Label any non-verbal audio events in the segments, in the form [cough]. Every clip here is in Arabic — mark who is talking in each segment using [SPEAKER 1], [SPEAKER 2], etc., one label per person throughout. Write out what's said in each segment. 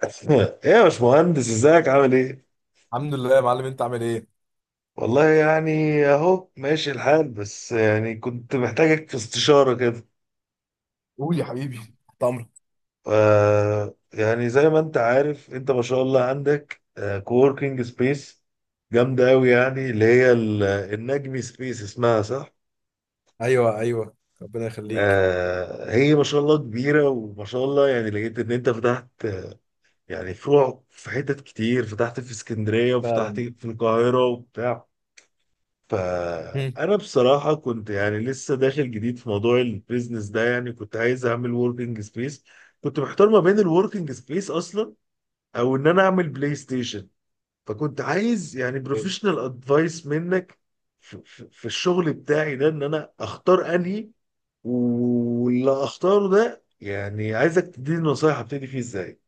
[SPEAKER 1] [laughs] ايه يا باشمهندس، ازيك؟ عامل ايه؟
[SPEAKER 2] الحمد لله يا معلم، انت عامل ايه؟
[SPEAKER 1] والله يعني اهو ماشي الحال، بس كنت محتاجك في استشارة كده.
[SPEAKER 2] قول يا حبيبي، تحت امرك.
[SPEAKER 1] ف- يعني زي ما انت عارف، انت ما شاء الله عندك كووركينج سبيس جامدة قوي، يعني اللي هي النجمي سبيس اسمها، صح؟
[SPEAKER 2] ايوه ايوه، ربنا يخليك.
[SPEAKER 1] آه، هي ما شاء الله كبيرة، وما شاء الله يعني لقيت ان انت فتحت، يعني فروع في حتت كتير، فتحت في اسكندرية وفتحت
[SPEAKER 2] فعلا.
[SPEAKER 1] في القاهرة وبتاع.
[SPEAKER 2] هم.
[SPEAKER 1] فانا بصراحه كنت يعني لسه داخل جديد في موضوع البيزنس ده، يعني كنت عايز اعمل وركينج سبيس. كنت محتار ما بين الوركينج سبيس اصلا او ان انا اعمل بلاي ستيشن. فكنت عايز يعني
[SPEAKER 2] طيب.
[SPEAKER 1] بروفيشنال ادفايس منك في الشغل بتاعي ده، ان انا اختار انهي، واللي اختاره ده يعني عايزك تديني نصايح ابتدي فيه ازاي.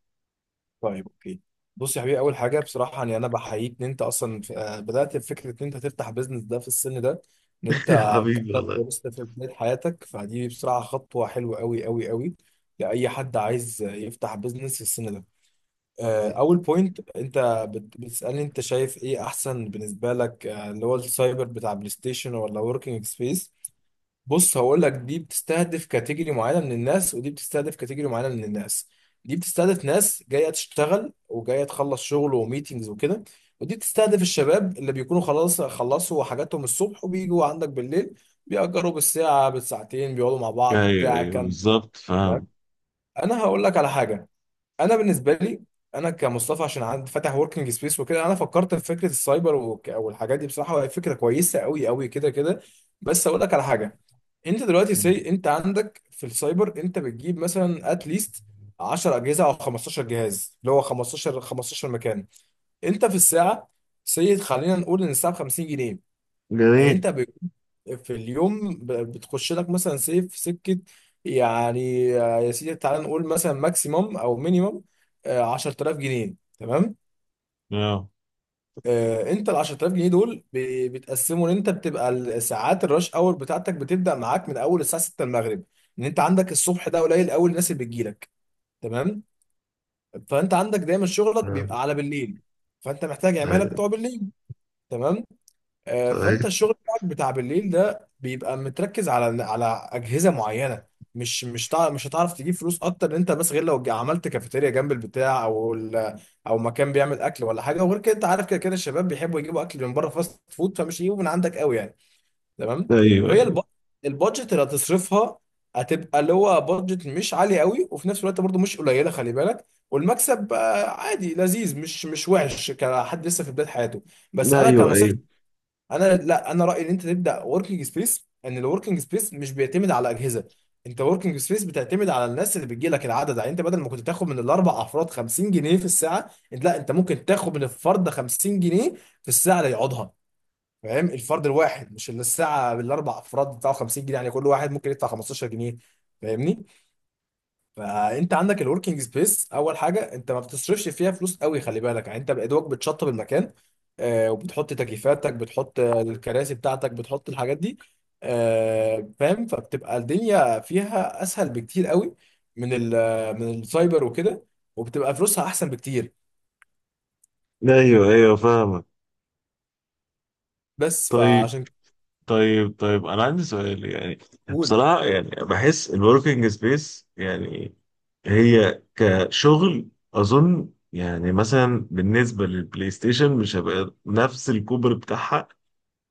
[SPEAKER 2] طيب، اوكي. بص يا حبيبي، اول حاجه بصراحه يعني انا بحييك ان انت اصلا بدات بفكره ان انت تفتح بيزنس ده في السن ده، ان انت
[SPEAKER 1] [laughs] حبيبي
[SPEAKER 2] كتبت
[SPEAKER 1] والله.
[SPEAKER 2] ولسه في بدايه حياتك، فدي بصراحه خطوه حلوه قوي قوي قوي لاي حد عايز يفتح بيزنس في السن ده. اول بوينت، انت بتسالني انت شايف ايه احسن بالنسبه لك، اللي هو السايبر بتاع بلاي ستيشن ولا وركينج سبيس. بص هقول لك، دي بتستهدف كاتيجوري معينه من الناس ودي بتستهدف كاتيجوري معينه من الناس. دي بتستهدف ناس جايه تشتغل وجايه تخلص شغل وميتينجز وكده، ودي بتستهدف الشباب اللي بيكونوا خلاص خلصوا حاجاتهم الصبح وبيجوا عندك بالليل، بيأجروا بالساعه بالساعتين، بيقعدوا مع بعض
[SPEAKER 1] ايوه،
[SPEAKER 2] بتاع
[SPEAKER 1] ايوه،
[SPEAKER 2] كام.
[SPEAKER 1] بالظبط
[SPEAKER 2] تمام.
[SPEAKER 1] فاهم.
[SPEAKER 2] انا هقول لك على حاجه. انا بالنسبه لي، انا كمصطفى عشان عندي فاتح وركينج سبيس وكده، انا فكرت في فكره السايبر والحاجات دي بصراحه، وهي فكره كويسه قوي قوي كده كده. بس اقول لك على حاجه. انت دلوقتي سي، انت عندك في السايبر انت بتجيب مثلا اتليست 10 اجهزه او 15 جهاز، اللي هو 15 مكان. انت في الساعه، سي، خلينا نقول ان الساعه ب 50 جنيه. يعني
[SPEAKER 1] جميل.
[SPEAKER 2] انت ب... في اليوم ب... بتخش لك مثلا سي في سكه يعني، يا سيدي تعال نقول مثلا ماكسيموم او مينيموم 10,000 جنيه. تمام.
[SPEAKER 1] اه.
[SPEAKER 2] انت ال 10,000 جنيه دول بتقسموا، ان انت بتبقى الساعات الرش اور بتاعتك بتبدا معاك من اول الساعه 6 المغرب، ان انت عندك الصبح ده قليل قوي الناس اللي بتجيلك. تمام. فانت عندك دايما شغلك
[SPEAKER 1] آه.
[SPEAKER 2] بيبقى على بالليل، فانت محتاج عماله
[SPEAKER 1] آه.
[SPEAKER 2] بتوع بالليل. تمام. فانت
[SPEAKER 1] صحيح.
[SPEAKER 2] الشغل بتاعك بتاع بالليل ده بيبقى متركز على على اجهزه معينه. مش هتعرف تجيب فلوس اكتر ان انت بس، غير لو عملت كافيتيريا جنب البتاع او او مكان بيعمل اكل ولا حاجه. وغير كده انت عارف كده كده الشباب بيحبوا يجيبوا اكل من بره فاست فود، فمش يجيبوا من عندك قوي يعني. تمام. فهي
[SPEAKER 1] ايوه،
[SPEAKER 2] الب- البادجت اللي هتصرفها هتبقى اللي هو بادجت مش عالي قوي، وفي نفس الوقت برضو مش قليله، خلي بالك. والمكسب عادي لذيذ، مش مش وحش كحد لسه في بدايه حياته. بس
[SPEAKER 1] ايوه.
[SPEAKER 2] انا كنصيحه،
[SPEAKER 1] ايوه،
[SPEAKER 2] انا لا، انا رايي ان انت تبدا وركينج سبيس، ان الوركينج سبيس مش بيعتمد على اجهزه. انت وركينج سبيس بتعتمد على الناس اللي بتجي لك، العدد. يعني انت بدل ما كنت تاخد من الاربع افراد 50 جنيه في الساعه، انت لا، انت ممكن تاخد من الفرد 50 جنيه في الساعه اللي يقعدها. فاهم؟ الفرد الواحد، مش اللي الساعه بالاربع افراد بتاعه 50 جنيه. يعني كل واحد ممكن يدفع 15 جنيه. فاهمني؟ فانت عندك الوركينج سبيس، اول حاجه انت ما بتصرفش فيها فلوس قوي، خلي بالك. يعني انت بادواك بتشطب المكان، وبتحط تكييفاتك، بتحط الكراسي بتاعتك، بتحط الحاجات دي. فاهم، فبتبقى الدنيا فيها اسهل بكتير قوي من من السايبر وكده، وبتبقى فلوسها احسن بكتير.
[SPEAKER 1] ايوه، ايوه فاهمك.
[SPEAKER 2] بس
[SPEAKER 1] طيب.
[SPEAKER 2] فعشان.
[SPEAKER 1] طيب، طيب، انا عندي سؤال يعني.
[SPEAKER 2] قول.
[SPEAKER 1] بصراحه يعني بحس الوركينج سبيس يعني هي كشغل، اظن يعني مثلا بالنسبه للبلاي ستيشن مش هيبقى نفس الكوبر بتاعها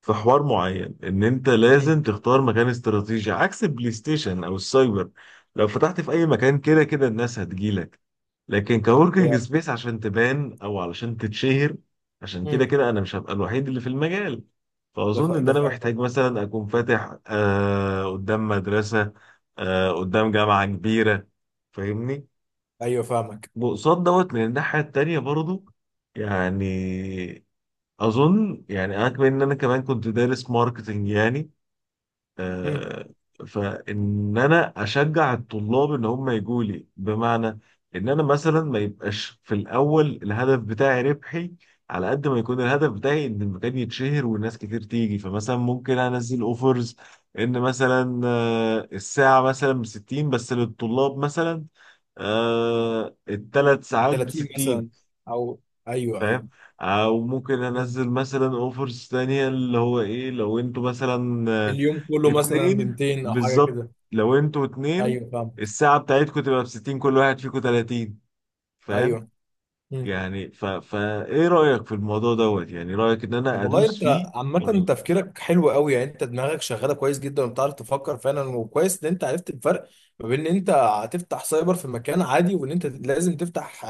[SPEAKER 1] في حوار معين. ان انت
[SPEAKER 2] مم.
[SPEAKER 1] لازم تختار مكان استراتيجي عكس البلاي ستيشن او السايبر. لو فتحت في اي مكان كده كده الناس هتجيلك، لكن كوركينج
[SPEAKER 2] يا.
[SPEAKER 1] سبيس عشان تبان او علشان تتشهر، عشان كده
[SPEAKER 2] مم.
[SPEAKER 1] كده انا مش هبقى الوحيد اللي في المجال. فاظن ان
[SPEAKER 2] ده
[SPEAKER 1] انا
[SPEAKER 2] فاهم.
[SPEAKER 1] محتاج مثلا اكون فاتح آه قدام مدرسة، آه قدام جامعة كبيرة، فاهمني؟
[SPEAKER 2] ايوه فاهمك.
[SPEAKER 1] وقصاد دوت من الناحية التانية برضو. يعني اظن يعني انا كمان، ان انا كمان كنت دارس ماركتنج يعني.
[SPEAKER 2] مم.
[SPEAKER 1] آه، فان انا اشجع الطلاب ان هم يجوا لي، بمعنى ان انا مثلا ما يبقاش في الاول الهدف بتاعي ربحي، على قد ما يكون الهدف بتاعي ان المكان يتشهر والناس كتير تيجي. فمثلا ممكن انزل اوفرز، ان مثلا الساعة مثلا ب 60 بس للطلاب مثلا، آه الثلاث
[SPEAKER 2] ب
[SPEAKER 1] ساعات ب
[SPEAKER 2] 30
[SPEAKER 1] 60.
[SPEAKER 2] مثلا، او ايوه ايوه.
[SPEAKER 1] فاهم؟ او ممكن
[SPEAKER 2] مم.
[SPEAKER 1] انزل مثلا اوفرز تانية، اللي هو ايه لو انتوا مثلا آه،
[SPEAKER 2] اليوم كله مثلا ب
[SPEAKER 1] اتنين،
[SPEAKER 2] 200 او حاجه
[SPEAKER 1] بالظبط.
[SPEAKER 2] كده.
[SPEAKER 1] لو انتوا اتنين
[SPEAKER 2] ايوه فاهمك.
[SPEAKER 1] الساعة بتاعتكم تبقى بستين، كل واحد فيكم تلاتين. فاهم؟
[SPEAKER 2] ايوه. مم.
[SPEAKER 1] يعني فا ايه رأيك في الموضوع دوت؟ يعني رأيك ان
[SPEAKER 2] طب
[SPEAKER 1] انا
[SPEAKER 2] والله
[SPEAKER 1] ادوس
[SPEAKER 2] انت
[SPEAKER 1] فيه
[SPEAKER 2] عامة
[SPEAKER 1] ولا؟
[SPEAKER 2] تفكيرك حلو قوي، يعني انت دماغك شغالة كويس جدا وبتعرف تفكر فعلا، وكويس ان انت عرفت الفرق ما بين ان انت هتفتح سايبر في مكان عادي، وان انت لازم تفتح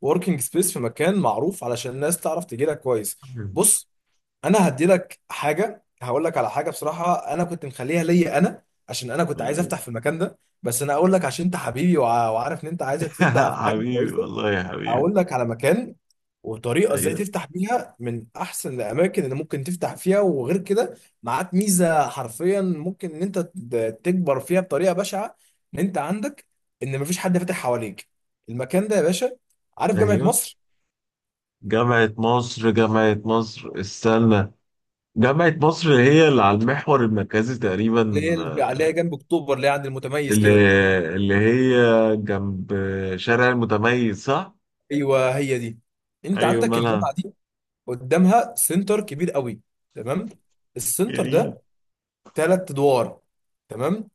[SPEAKER 2] وركينج سبيس في مكان معروف علشان الناس تعرف تجي لك كويس. بص، انا هدي لك حاجة، هقول لك على حاجة بصراحة انا كنت مخليها ليا انا، عشان انا كنت عايز افتح في المكان ده، بس انا اقول لك عشان انت حبيبي وعارف ان انت، عايزك
[SPEAKER 1] [laughs]
[SPEAKER 2] تبدأ في حاجة
[SPEAKER 1] حبيبي
[SPEAKER 2] كويسة.
[SPEAKER 1] والله، يا حبيبي.
[SPEAKER 2] هقول لك على مكان وطريقه ازاي
[SPEAKER 1] ايوه،
[SPEAKER 2] تفتح بيها، من احسن الاماكن اللي ممكن تفتح فيها. وغير كده، معاك ميزه حرفيا ممكن ان انت تكبر فيها بطريقه بشعه، ان انت عندك ان مفيش حد فاتح حواليك. المكان ده يا باشا، عارف جامعه
[SPEAKER 1] ايوه.
[SPEAKER 2] مصر؟
[SPEAKER 1] جامعة مصر؟ جامعة مصر، استنى. جامعة مصر هي اللي على المحور المركزي تقريبا،
[SPEAKER 2] اللي هي اللي عليها جنب اكتوبر، اللي هي عند المتميز
[SPEAKER 1] اللي
[SPEAKER 2] كده.
[SPEAKER 1] اللي هي جنب شارع المتميز، صح؟
[SPEAKER 2] ايوه هي دي. انت
[SPEAKER 1] ايوه،
[SPEAKER 2] عندك
[SPEAKER 1] مالها؟
[SPEAKER 2] الجامعه دي، قدامها سنتر كبير قوي. تمام. السنتر
[SPEAKER 1] جميل.
[SPEAKER 2] ده ثلاث ادوار. تمام.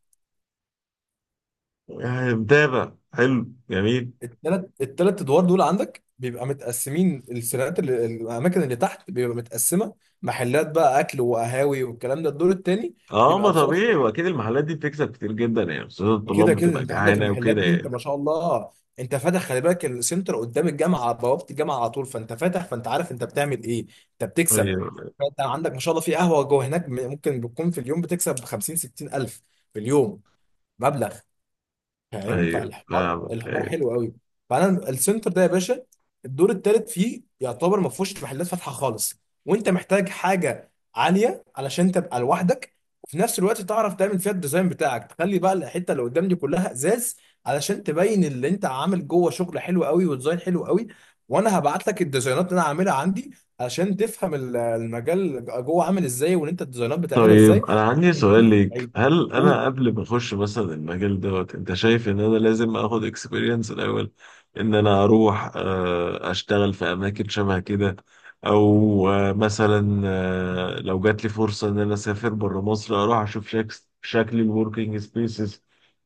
[SPEAKER 1] يعني متابع، حلو، جميل.
[SPEAKER 2] التلات ادوار دول عندك بيبقى متقسمين السيرات، اللي الاماكن اللي تحت بيبقى متقسمه محلات بقى اكل وقهاوي والكلام ده. الدور التاني
[SPEAKER 1] اه
[SPEAKER 2] بيبقى
[SPEAKER 1] ما
[SPEAKER 2] بصراحه
[SPEAKER 1] طبيعي،
[SPEAKER 2] بيبقى،
[SPEAKER 1] واكيد المحلات دي بتكسب كتير جدا يعني، خصوصا
[SPEAKER 2] كده
[SPEAKER 1] الطلاب
[SPEAKER 2] كده
[SPEAKER 1] بتبقى
[SPEAKER 2] انت عندك
[SPEAKER 1] جعانه
[SPEAKER 2] المحلات
[SPEAKER 1] وكده
[SPEAKER 2] دي، انت
[SPEAKER 1] يعني.
[SPEAKER 2] ما شاء الله، انت فاتح، خلي بالك السنتر قدام الجامعه على بوابه الجامعه على طول، فانت فاتح، فانت عارف انت بتعمل ايه، انت بتكسب.
[SPEAKER 1] ايوه،
[SPEAKER 2] فانت عندك ما شاء الله في قهوه جوه هناك ممكن بتكون في اليوم بتكسب 50 60 الف في اليوم، مبلغ هينفع.
[SPEAKER 1] ايوه
[SPEAKER 2] الحوار
[SPEAKER 1] فاهمك.
[SPEAKER 2] الحوار
[SPEAKER 1] ايوه.
[SPEAKER 2] حلو قوي. فانا السنتر ده يا باشا، الدور الثالث فيه يعتبر ما فيهوش محلات فاتحه خالص، وانت محتاج حاجه عاليه علشان تبقى لوحدك، وفي نفس الوقت تعرف تعمل فيها الديزاين بتاعك، تخلي بقى الحته اللي قدام دي كلها ازاز، علشان تبين اللي انت عامل جوه شغل حلو قوي وديزاين حلو قوي. وانا هبعت لك الديزاينات اللي انا عاملها عندي، علشان تفهم المجال جوه عامل ازاي، وان انت الديزاينات بتعملها
[SPEAKER 1] طيب
[SPEAKER 2] ازاي.
[SPEAKER 1] انا عندي سؤال ليك: هل انا
[SPEAKER 2] قول.
[SPEAKER 1] قبل ما اخش مثلا المجال دوت، انت شايف ان انا لازم اخد اكسبيرينس الاول؟ ان انا اروح اشتغل في اماكن شبه كده، او مثلا لو جات لي فرصة ان انا اسافر بره مصر، اروح اشوف شكل الوركينج سبيسز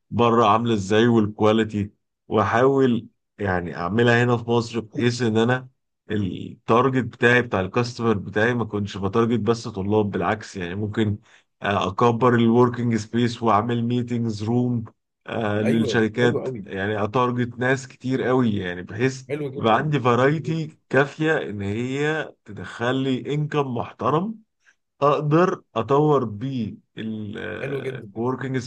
[SPEAKER 1] بره عاملة ازاي، والكواليتي، واحاول يعني اعملها هنا في مصر، بحيث ان انا التارجت بتاعي بتاع الكاستمر بتاعي ما كنتش بتارجت بس طلاب، بالعكس يعني ممكن اكبر الوركينج سبيس واعمل ميتينجز روم
[SPEAKER 2] ايوه حلو
[SPEAKER 1] للشركات،
[SPEAKER 2] قوي.
[SPEAKER 1] يعني اتارجت ناس كتير قوي، يعني بحيث
[SPEAKER 2] حلو
[SPEAKER 1] يبقى
[SPEAKER 2] جدا.
[SPEAKER 1] عندي
[SPEAKER 2] حلو جدا.
[SPEAKER 1] فرايتي كافية ان هي تدخل لي انكم محترم، اقدر اطور بيه
[SPEAKER 2] حلو جدا.
[SPEAKER 1] الوركينج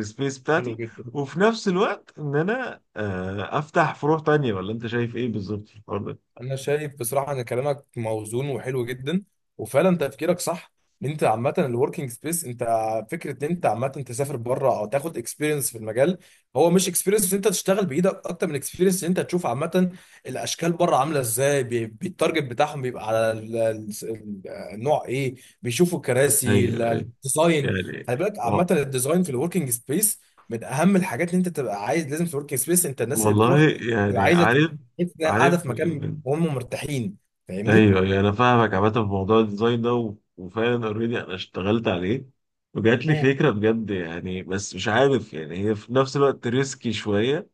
[SPEAKER 1] سبيس
[SPEAKER 2] حلو
[SPEAKER 1] بتاعتي.
[SPEAKER 2] جدا.
[SPEAKER 1] وفي نفس الوقت ان انا افتح فروع تانية. ولا انت شايف ايه بالظبط في الحوار ده؟
[SPEAKER 2] انا شايف بصراحه ان كلامك موزون وحلو جدا، وفعلا تفكيرك صح، ان انت عامه الوركينج سبيس. انت فكره ان انت عامه تسافر بره او تاخد اكسبيرينس في المجال، هو مش اكسبيرينس ان انت تشتغل بايدك، اكتر من اكسبيرينس ان انت تشوف عامه الاشكال بره عامله ازاي، بالتارجت بتاعهم بيبقى على النوع ايه، بيشوفوا الكراسي
[SPEAKER 1] ايوه
[SPEAKER 2] الديزاين.
[SPEAKER 1] يعني.
[SPEAKER 2] خلي بالك،
[SPEAKER 1] و-
[SPEAKER 2] عامه الديزاين في الوركينج سبيس من اهم الحاجات. ان انت تبقى عايز، لازم في الوركينج سبيس انت الناس اللي
[SPEAKER 1] والله
[SPEAKER 2] بتروح تبقى
[SPEAKER 1] يعني
[SPEAKER 2] عايزه
[SPEAKER 1] عارف،
[SPEAKER 2] تحس انها قاعده في
[SPEAKER 1] عارف
[SPEAKER 2] مكان وهم مرتاحين. فاهمني؟
[SPEAKER 1] ايوه يعني انا فاهمك. عامه في موضوع الديزاين ده وفعلا اوريدي انا اشتغلت عليه، وجات لي
[SPEAKER 2] مم.
[SPEAKER 1] فكره بجد يعني. بس مش عارف، يعني هي في نفس الوقت ريسكي شويه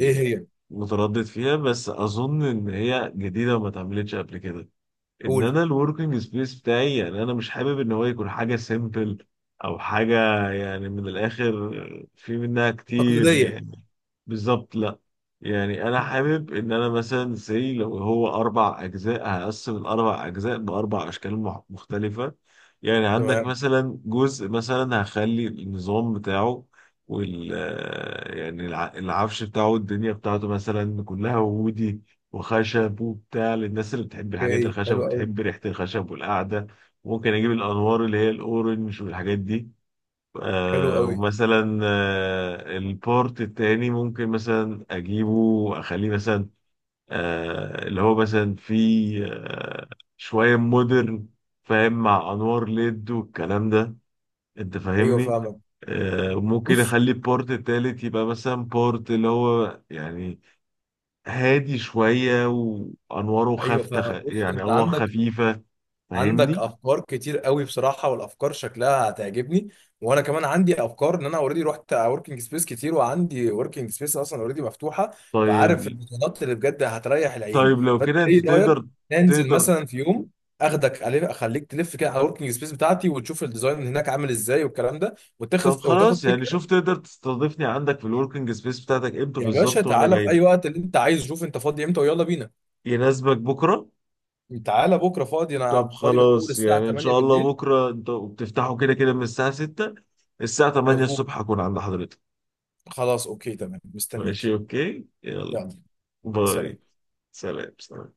[SPEAKER 2] ايه. هي.
[SPEAKER 1] متردد فيها. بس اظن ان هي جديده وما اتعملتش قبل كده. ان
[SPEAKER 2] قول.
[SPEAKER 1] انا الوركينج سبيس بتاعي يعني انا مش حابب ان هو يكون حاجه سيمبل، او حاجه يعني من الاخر، في منها كتير
[SPEAKER 2] تقليديه.
[SPEAKER 1] يعني. بالظبط، لا. يعني انا حابب ان انا مثلا زي لو هو اربع اجزاء، هقسم الاربع اجزاء باربع اشكال مختلفه. يعني عندك
[SPEAKER 2] تمام.
[SPEAKER 1] مثلا جزء مثلا هخلي النظام بتاعه، وال... يعني العفش بتاعه الدنيا بتاعته مثلا كلها وودي وخشب وبتاع، للناس اللي بتحب الحاجات
[SPEAKER 2] اوكي
[SPEAKER 1] الخشب
[SPEAKER 2] حلو قوي.
[SPEAKER 1] وبتحب ريحة الخشب والقعدة. ممكن أجيب الأنوار اللي هي الأورنج والحاجات دي.
[SPEAKER 2] حلو
[SPEAKER 1] آه
[SPEAKER 2] قوي.
[SPEAKER 1] ومثلا آه البورت التاني ممكن مثلا أجيبه وأخليه مثلا آه اللي هو مثلا فيه آه شوية مودرن، فاهم، مع أنوار ليد والكلام ده. أنت
[SPEAKER 2] ايوه
[SPEAKER 1] فاهمني؟
[SPEAKER 2] فاهمك.
[SPEAKER 1] آه، ممكن
[SPEAKER 2] بص.
[SPEAKER 1] اخلي البورت التالت يبقى مثلا بورت اللي هو يعني هادي شوية وأنواره
[SPEAKER 2] ايوه
[SPEAKER 1] خافتة،
[SPEAKER 2] فاهمك. بص
[SPEAKER 1] يعني
[SPEAKER 2] انت
[SPEAKER 1] أنوار
[SPEAKER 2] عندك،
[SPEAKER 1] خفيفة.
[SPEAKER 2] عندك
[SPEAKER 1] فاهمني؟
[SPEAKER 2] افكار كتير قوي بصراحه، والافكار شكلها هتعجبني. وانا كمان عندي افكار، ان انا اوريدي رحت وركينج سبيس كتير وعندي وركينج سبيس اصلا اوريدي مفتوحه، فعارف
[SPEAKER 1] طيب.
[SPEAKER 2] البطولات اللي بجد هتريح العين.
[SPEAKER 1] طيب لو
[SPEAKER 2] فانت
[SPEAKER 1] كده أنت
[SPEAKER 2] ايه رايك
[SPEAKER 1] تقدر،
[SPEAKER 2] ننزل
[SPEAKER 1] تقدر.
[SPEAKER 2] مثلا في يوم اخدك عليه، اخليك تلف كده على الوركينج سبيس بتاعتي وتشوف الديزاين اللي هناك عامل ازاي والكلام ده،
[SPEAKER 1] طب
[SPEAKER 2] وتاخد
[SPEAKER 1] خلاص، يعني شوف
[SPEAKER 2] فكره.
[SPEAKER 1] تقدر تستضيفني عندك في الوركينج سبيس بتاعتك امتى
[SPEAKER 2] يا باشا
[SPEAKER 1] بالظبط، وأنا
[SPEAKER 2] تعالى
[SPEAKER 1] جاي
[SPEAKER 2] في اي
[SPEAKER 1] لك.
[SPEAKER 2] وقت اللي انت عايزه، شوف انت فاضي امتى ويلا بينا.
[SPEAKER 1] يناسبك بكرة؟
[SPEAKER 2] تعالى بكره، فاضي،
[SPEAKER 1] طب
[SPEAKER 2] انا فاضي من اول
[SPEAKER 1] خلاص،
[SPEAKER 2] الساعه
[SPEAKER 1] يعني إن
[SPEAKER 2] 8
[SPEAKER 1] شاء الله
[SPEAKER 2] بالليل.
[SPEAKER 1] بكرة أنتوا بتفتحوا كده كده من الساعة 6، الساعة 8
[SPEAKER 2] مظبوط.
[SPEAKER 1] الصبح هكون عند حضرتك.
[SPEAKER 2] خلاص اوكي تمام، مستنيك.
[SPEAKER 1] ماشي أوكي؟ يلا.
[SPEAKER 2] يلا. سلام.
[SPEAKER 1] باي. سلام، سلام.